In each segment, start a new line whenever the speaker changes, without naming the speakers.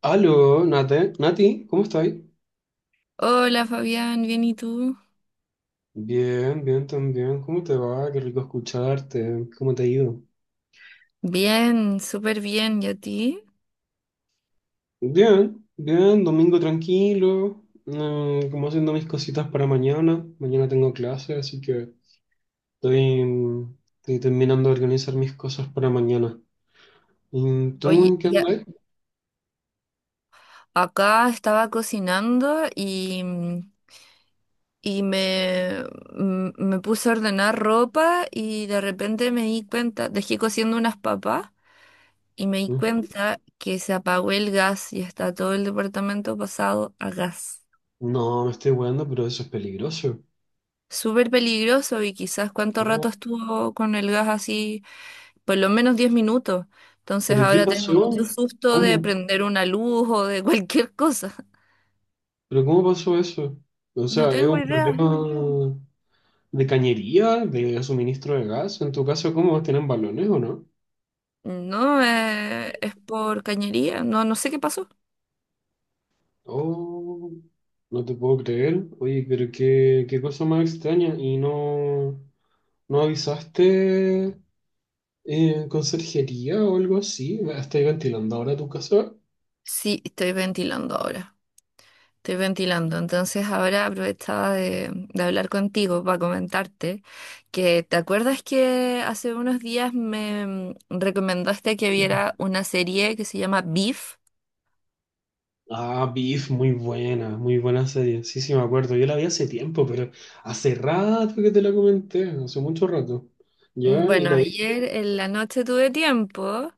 Aló, Nate, Nati, ¿cómo estás?
Hola Fabián, ¿bien y tú?
Bien, bien también. ¿Cómo te va? Qué rico escucharte. ¿Cómo te ha ido?
Bien, súper bien, ¿y a ti?
Bien, bien, domingo tranquilo. Como haciendo mis cositas para mañana. Mañana tengo clase, así que estoy, estoy terminando de organizar mis cosas para mañana. ¿Y tú
Oye,
en qué
ya
andas?
acá estaba cocinando y, y me, me puse a ordenar ropa y de repente me di cuenta, dejé cociendo unas papas y me di
Ujú.
cuenta que se apagó el gas y está todo el departamento pasado a gas.
No, me estoy weando, pero eso es peligroso.
Súper peligroso y quizás cuánto
Oh,
rato estuvo con el gas así, por lo menos 10 minutos. Entonces
¿pero y qué
ahora tengo
pasó?
mucho susto de
¿Cómo?
prender una luz o de cualquier cosa.
¿Pero cómo pasó eso? O
No
sea, es
tengo
un
idea.
problema. ¿De cañería? ¿De suministro de gas? ¿En tu caso cómo tienen balones o no?
No, es por cañería. No sé qué pasó.
Oh, no te puedo creer. Oye, pero qué, qué cosa más extraña. ¿Y no, no avisaste conserjería o algo así? ¿Estáis ventilando ahora tu casa?
Sí, estoy ventilando ahora. Estoy ventilando. Entonces ahora aprovechaba de hablar contigo para comentarte que ¿te acuerdas que hace unos días me recomendaste que viera una serie que se llama Beef?
Ah, Beef, muy buena serie. Sí, sí, me acuerdo. Yo la vi hace tiempo, pero hace rato que te la comenté, hace mucho rato. ¿Ya?
Mm,
¿Y
Bueno,
la viste?
ayer en la noche tuve tiempo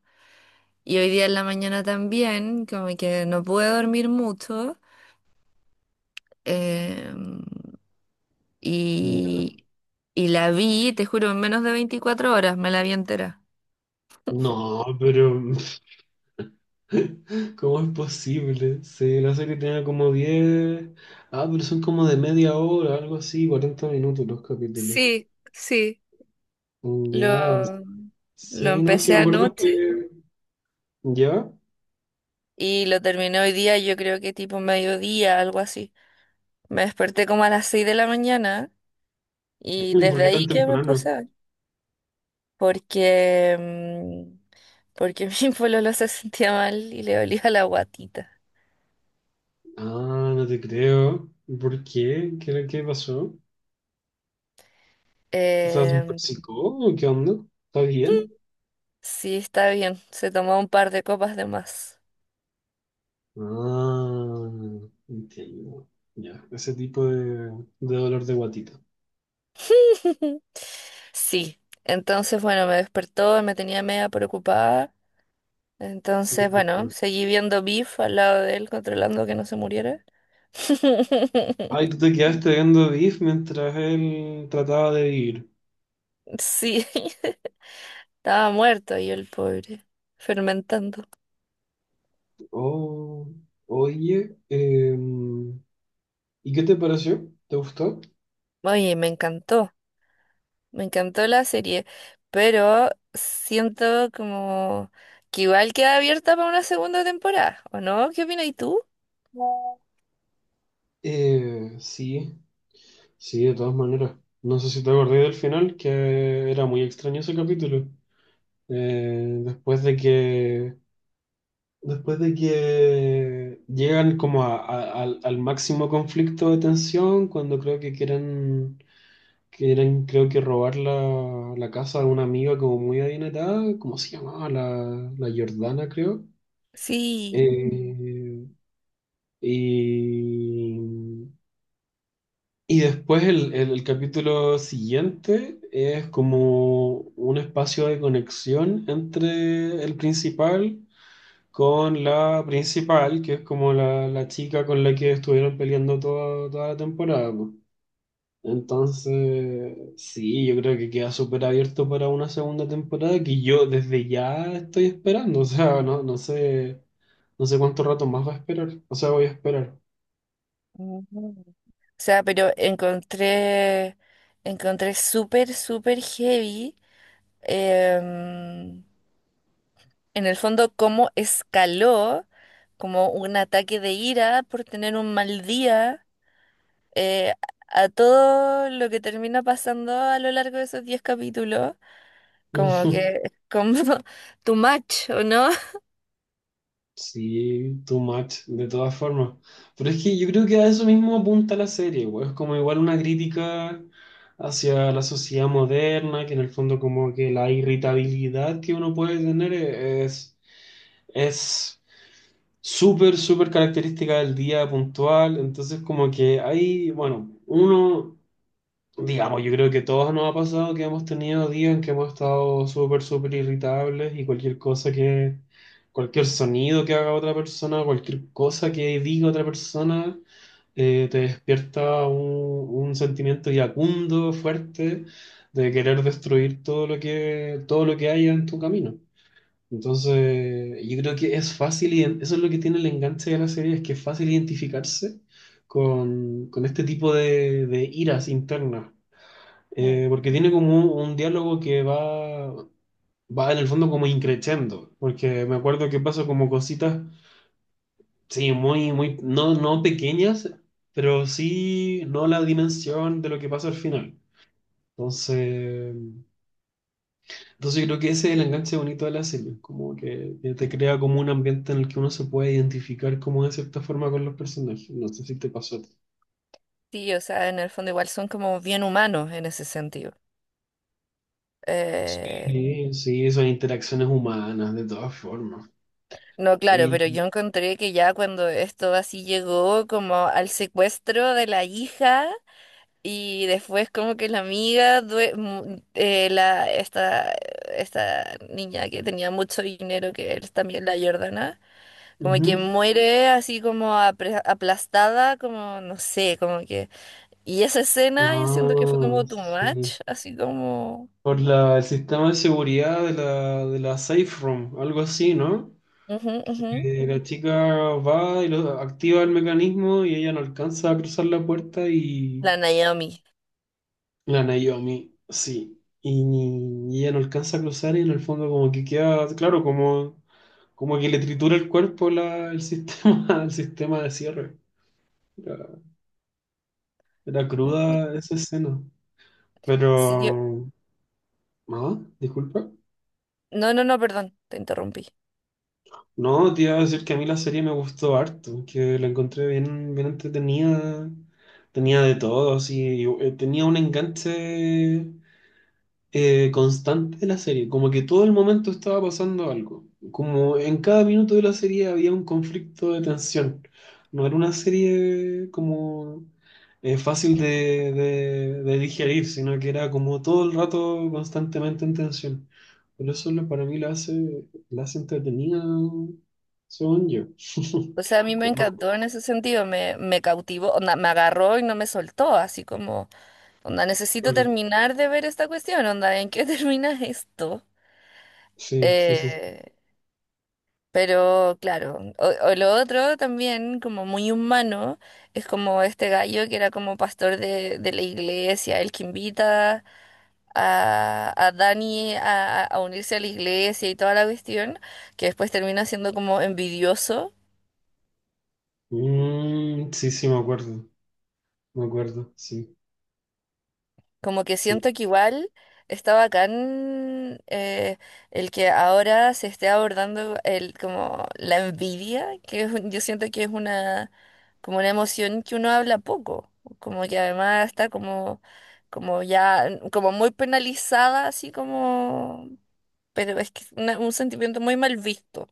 y hoy día en la mañana también, como que no pude dormir mucho eh,
Ya.
y, y la vi, te juro, en menos de 24 horas me la vi entera.
No, pero ¿cómo es posible? Sí, la serie tenía como 10. Ah, pero son como de media hora, algo así, 40 minutos los capítulos.
Sí, sí,
Mm, ya.
lo, lo
Sí, no, sí
empecé
me No, no acuerdo
anoche
que... ¿Ya?
y lo terminé hoy día, yo creo que tipo mediodía, algo así. Me desperté como a las 6 de la mañana y
¿Por
desde
qué
ahí
tan
que me puse
temprano?
a ver. Porque, porque mi pololo se sentía mal y le dolía la guatita.
Ah, no te creo. ¿Por qué? ¿ qué pasó? O sea, ¿se
Em,
intoxicó? O ¿qué onda? ¿Está bien?
sí, está bien, se tomó un par de copas de más.
Ah, entiendo. Ya, ese tipo de dolor de guatita.
Sí, entonces bueno, me despertó, me tenía media preocupada. Entonces, bueno, seguí viendo Beef al lado de él, controlando que no se muriera.
Ay, tú te quedaste viendo Beef mientras él trataba de vivir.
Sí, estaba muerto y el pobre, fermentando.
Oh, oye, ¿y qué te pareció? ¿Te gustó?
Oye, me encantó. Me encantó la serie, pero siento como que igual queda abierta para una segunda temporada, ¿o no? ¿Qué opinas tú?
Sí, sí, de todas maneras. No sé si te acordé del final, que era muy extraño ese capítulo. Después de que, después de que llegan como al al, máximo conflicto de tensión, cuando creo que quieren que eran, creo que robar la, la casa de una amiga como muy adinerada, ¿cómo se llamaba? La, la Jordana, creo.
Sí.
Eh, y, y después el, el capítulo siguiente es como un espacio de conexión entre el principal con la principal, que es como la chica con la que estuvieron peleando toda, toda la temporada. Po. Entonces, sí, yo creo que queda súper abierto para una segunda temporada que yo desde ya estoy esperando. O sea, no, no sé, no sé cuánto rato más va a esperar. O sea, voy a esperar.
Mm. O sea, pero encontré súper, súper heavy, em, en el fondo, cómo escaló como un ataque de ira por tener un mal día, eh, a todo lo que termina pasando a lo largo de esos 10 capítulos. Como que es como too much, ¿o no?
Sí, too much, de todas formas. Pero es que yo creo que a eso mismo apunta la serie, güey. Es como igual una crítica hacia la sociedad moderna, que en el fondo como que la irritabilidad que uno puede tener es súper, súper característica del día puntual. Entonces, como que hay, bueno, uno, digamos, yo creo que todos nos ha pasado que hemos tenido días en que hemos estado súper, súper irritables y cualquier cosa que, cualquier sonido que haga otra persona, cualquier cosa que diga otra persona, te despierta un sentimiento iracundo, fuerte, de querer destruir todo lo que haya en tu camino. Entonces, yo creo que es fácil, y eso es lo que tiene el enganche de la serie, es que es fácil identificarse con este tipo de iras internas.
Mm,
Porque tiene como un diálogo que va, va en el fondo como increciendo, porque me acuerdo que pasa como cositas, sí, muy, muy, no, no pequeñas, pero sí no la dimensión de lo que pasa al final. Entonces... Entonces yo creo que ese es el enganche bonito de la serie, como que te crea como un ambiente en el que uno se puede identificar como de cierta forma con los personajes. No sé si te pasó a ti.
Sí, o sea, en el fondo igual son como bien humanos en ese sentido. Eh,
Sí, sí, son interacciones humanas, de todas formas.
no, claro,
Y,
pero yo encontré que ya cuando esto así llegó como al secuestro de la hija y después como que la amiga, esta niña que tenía mucho dinero, que es también la Jordana, como que
ujú.
muere así como aplastada, como no sé, como que... Y esa escena yo siento que fue
Ah,
como too
sí.
much, así como...
Por la, el sistema de seguridad de la Safe Room, algo así, ¿no?
Ujú, ujú.
Que la chica va y activa el mecanismo y ella no alcanza a cruzar la puerta y
La Naomi.
la Naomi, sí. Y, y ella no alcanza a cruzar y en el fondo como que queda, claro, como, como que le tritura el cuerpo la, el sistema, el sistema de cierre. Era, era
Ujú.
cruda esa escena.
Sí, yo-
Pero, no, disculpa.
No, no, no, perdón, te interrumpí.
No, te iba a decir que a mí la serie me gustó harto, que la encontré bien, bien entretenida, tenía de todo, así, y, tenía un enganche constante de la serie, como que todo el momento estaba pasando algo, como en cada minuto de la serie había un conflicto de tensión, no era una serie como fácil de, de digerir, sino que era como todo el rato constantemente en tensión. Por eso para mí la hace entretenida, según yo.
O sea, a mí me
Como...
encantó en ese sentido, me cautivó, onda, me agarró y no me soltó, así como, onda, necesito terminar de ver esta cuestión, onda, ¿en qué termina esto?
Sí, sí, sí. Sí.
Eh, pero claro, o lo otro también, como muy humano, es como este gallo que era como pastor de la iglesia, el que invita a Dani a, a unirse a la iglesia y toda la cuestión, que después termina siendo como envidioso,
Mm, sí, sí, me acuerdo, sí.
como que
Sí.
siento que igual está bacán el que ahora se esté abordando el, como la envidia, que es un- yo siento que es una, como una emoción que uno habla poco, como que además está como, como ya, como muy penalizada, así como... Pero es que es una- un sentimiento muy mal visto.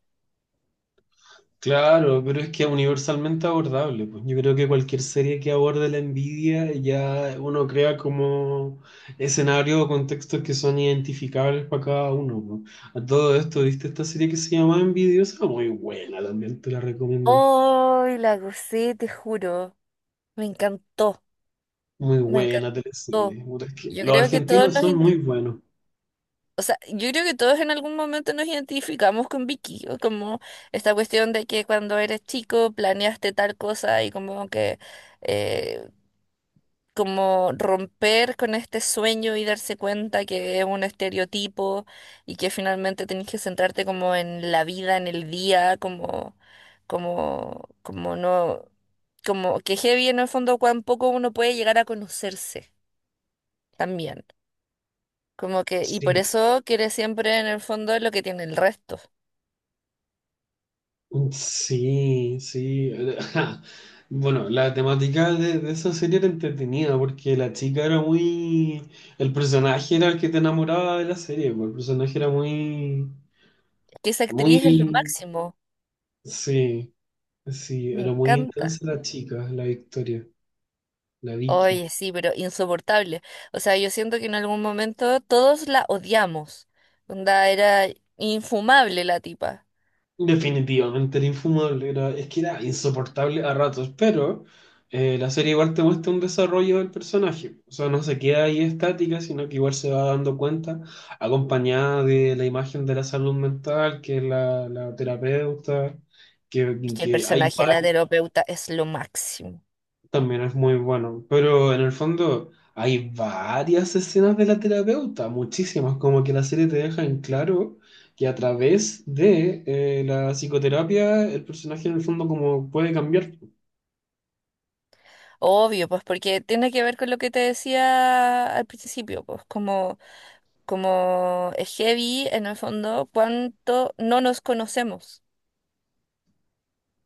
Claro, pero es que es universalmente abordable, pues. Yo creo que cualquier serie que aborde la envidia ya uno crea como escenarios o contextos que son identificables para cada uno, pues. A todo esto, ¿viste esta serie que se llama Envidiosa? Muy buena, también te la recomiendo.
Hoy la gocé, te juro. Me encantó,
Muy
me
buena
encantó.
teleserie. Puta, es que
Yo
los
creo que todos
argentinos
nos,
son
inte-
muy buenos.
o sea, yo creo que todos en algún momento nos identificamos con Vicky, o como esta cuestión de que cuando eres chico planeaste tal cosa y como que eh, como romper con este sueño y darse cuenta que es un estereotipo y que finalmente tenés que centrarte como en la vida, en el día, como no, como que heavy en el fondo cuán poco uno puede llegar a conocerse también. Como que, y por
Sí.
eso quiere siempre en el fondo lo que tiene el resto.
Sí, sí. Bueno, la temática de esa serie era entretenida porque la chica era muy... El personaje era el que te enamoraba de la serie, pues, el personaje era muy...
Que esa actriz es lo
Muy...
máximo.
Sí, sí,
Me
era muy
encanta.
intensa la chica, la Victoria, la Vicky.
Oye, sí, pero insoportable. O sea, yo siento que en algún momento todos la odiamos. Onda, era infumable la tipa.
Definitivamente era infumable, era, es que era insoportable a ratos, pero la serie igual te muestra un desarrollo del personaje, o sea, no se queda ahí estática, sino que igual se va dando cuenta, acompañada de la imagen de la salud mental, que es la, la terapeuta,
Es que el
que hay
personaje de la terapeuta es lo máximo.
también es muy bueno, pero en el fondo hay varias escenas de la terapeuta, muchísimas, como que la serie te deja en claro que a través de la psicoterapia el personaje en el fondo como puede cambiar.
Obvio, pues porque tiene que ver con lo que te decía al principio, pues como, como es heavy en el fondo cuánto no nos conocemos.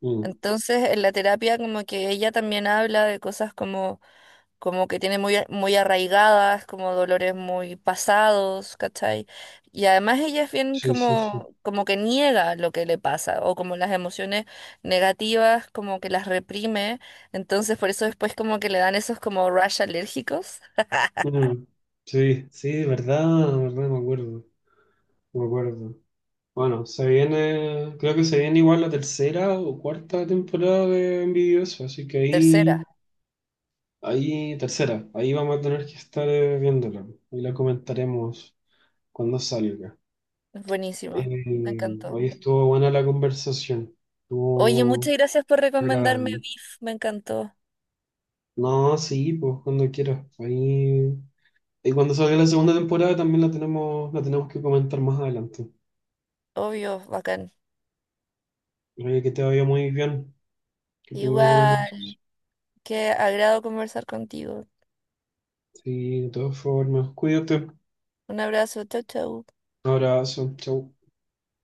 Mm,
Entonces, en la terapia como que ella también habla de cosas como como que tiene muy, muy arraigadas, como dolores muy pasados, ¿cachai? Y además ella es bien
sí, sí, sí.
como, como que niega lo que le pasa, o como las emociones negativas, como que las reprime, entonces por eso después como que le dan esos como rash alérgicos.
Mm, sí, sí, verdad, verdad, me acuerdo, me acuerdo. Bueno, se viene, creo que se viene igual la tercera o cuarta temporada de Envidioso, así que
Tercera,
ahí ahí, tercera, ahí vamos a tener que estar viéndola y la comentaremos cuando salga.
es buenísima, me
Eh,
encantó.
Hoy estuvo buena la conversación,
Oye, muchas
estuvo
gracias por recomendarme
agradable.
Beef, me encantó.
No, sí, pues cuando quieras. Ahí, y cuando salga la segunda temporada también la tenemos que comentar más adelante.
Obvio, bacán.
Oye, que te vaya muy bien, que tengas buenas
Igual,
noches.
qué agrado conversar contigo.
Sí, de todas formas, cuídate.
Un abrazo, chau, chau.
Un abrazo, chau.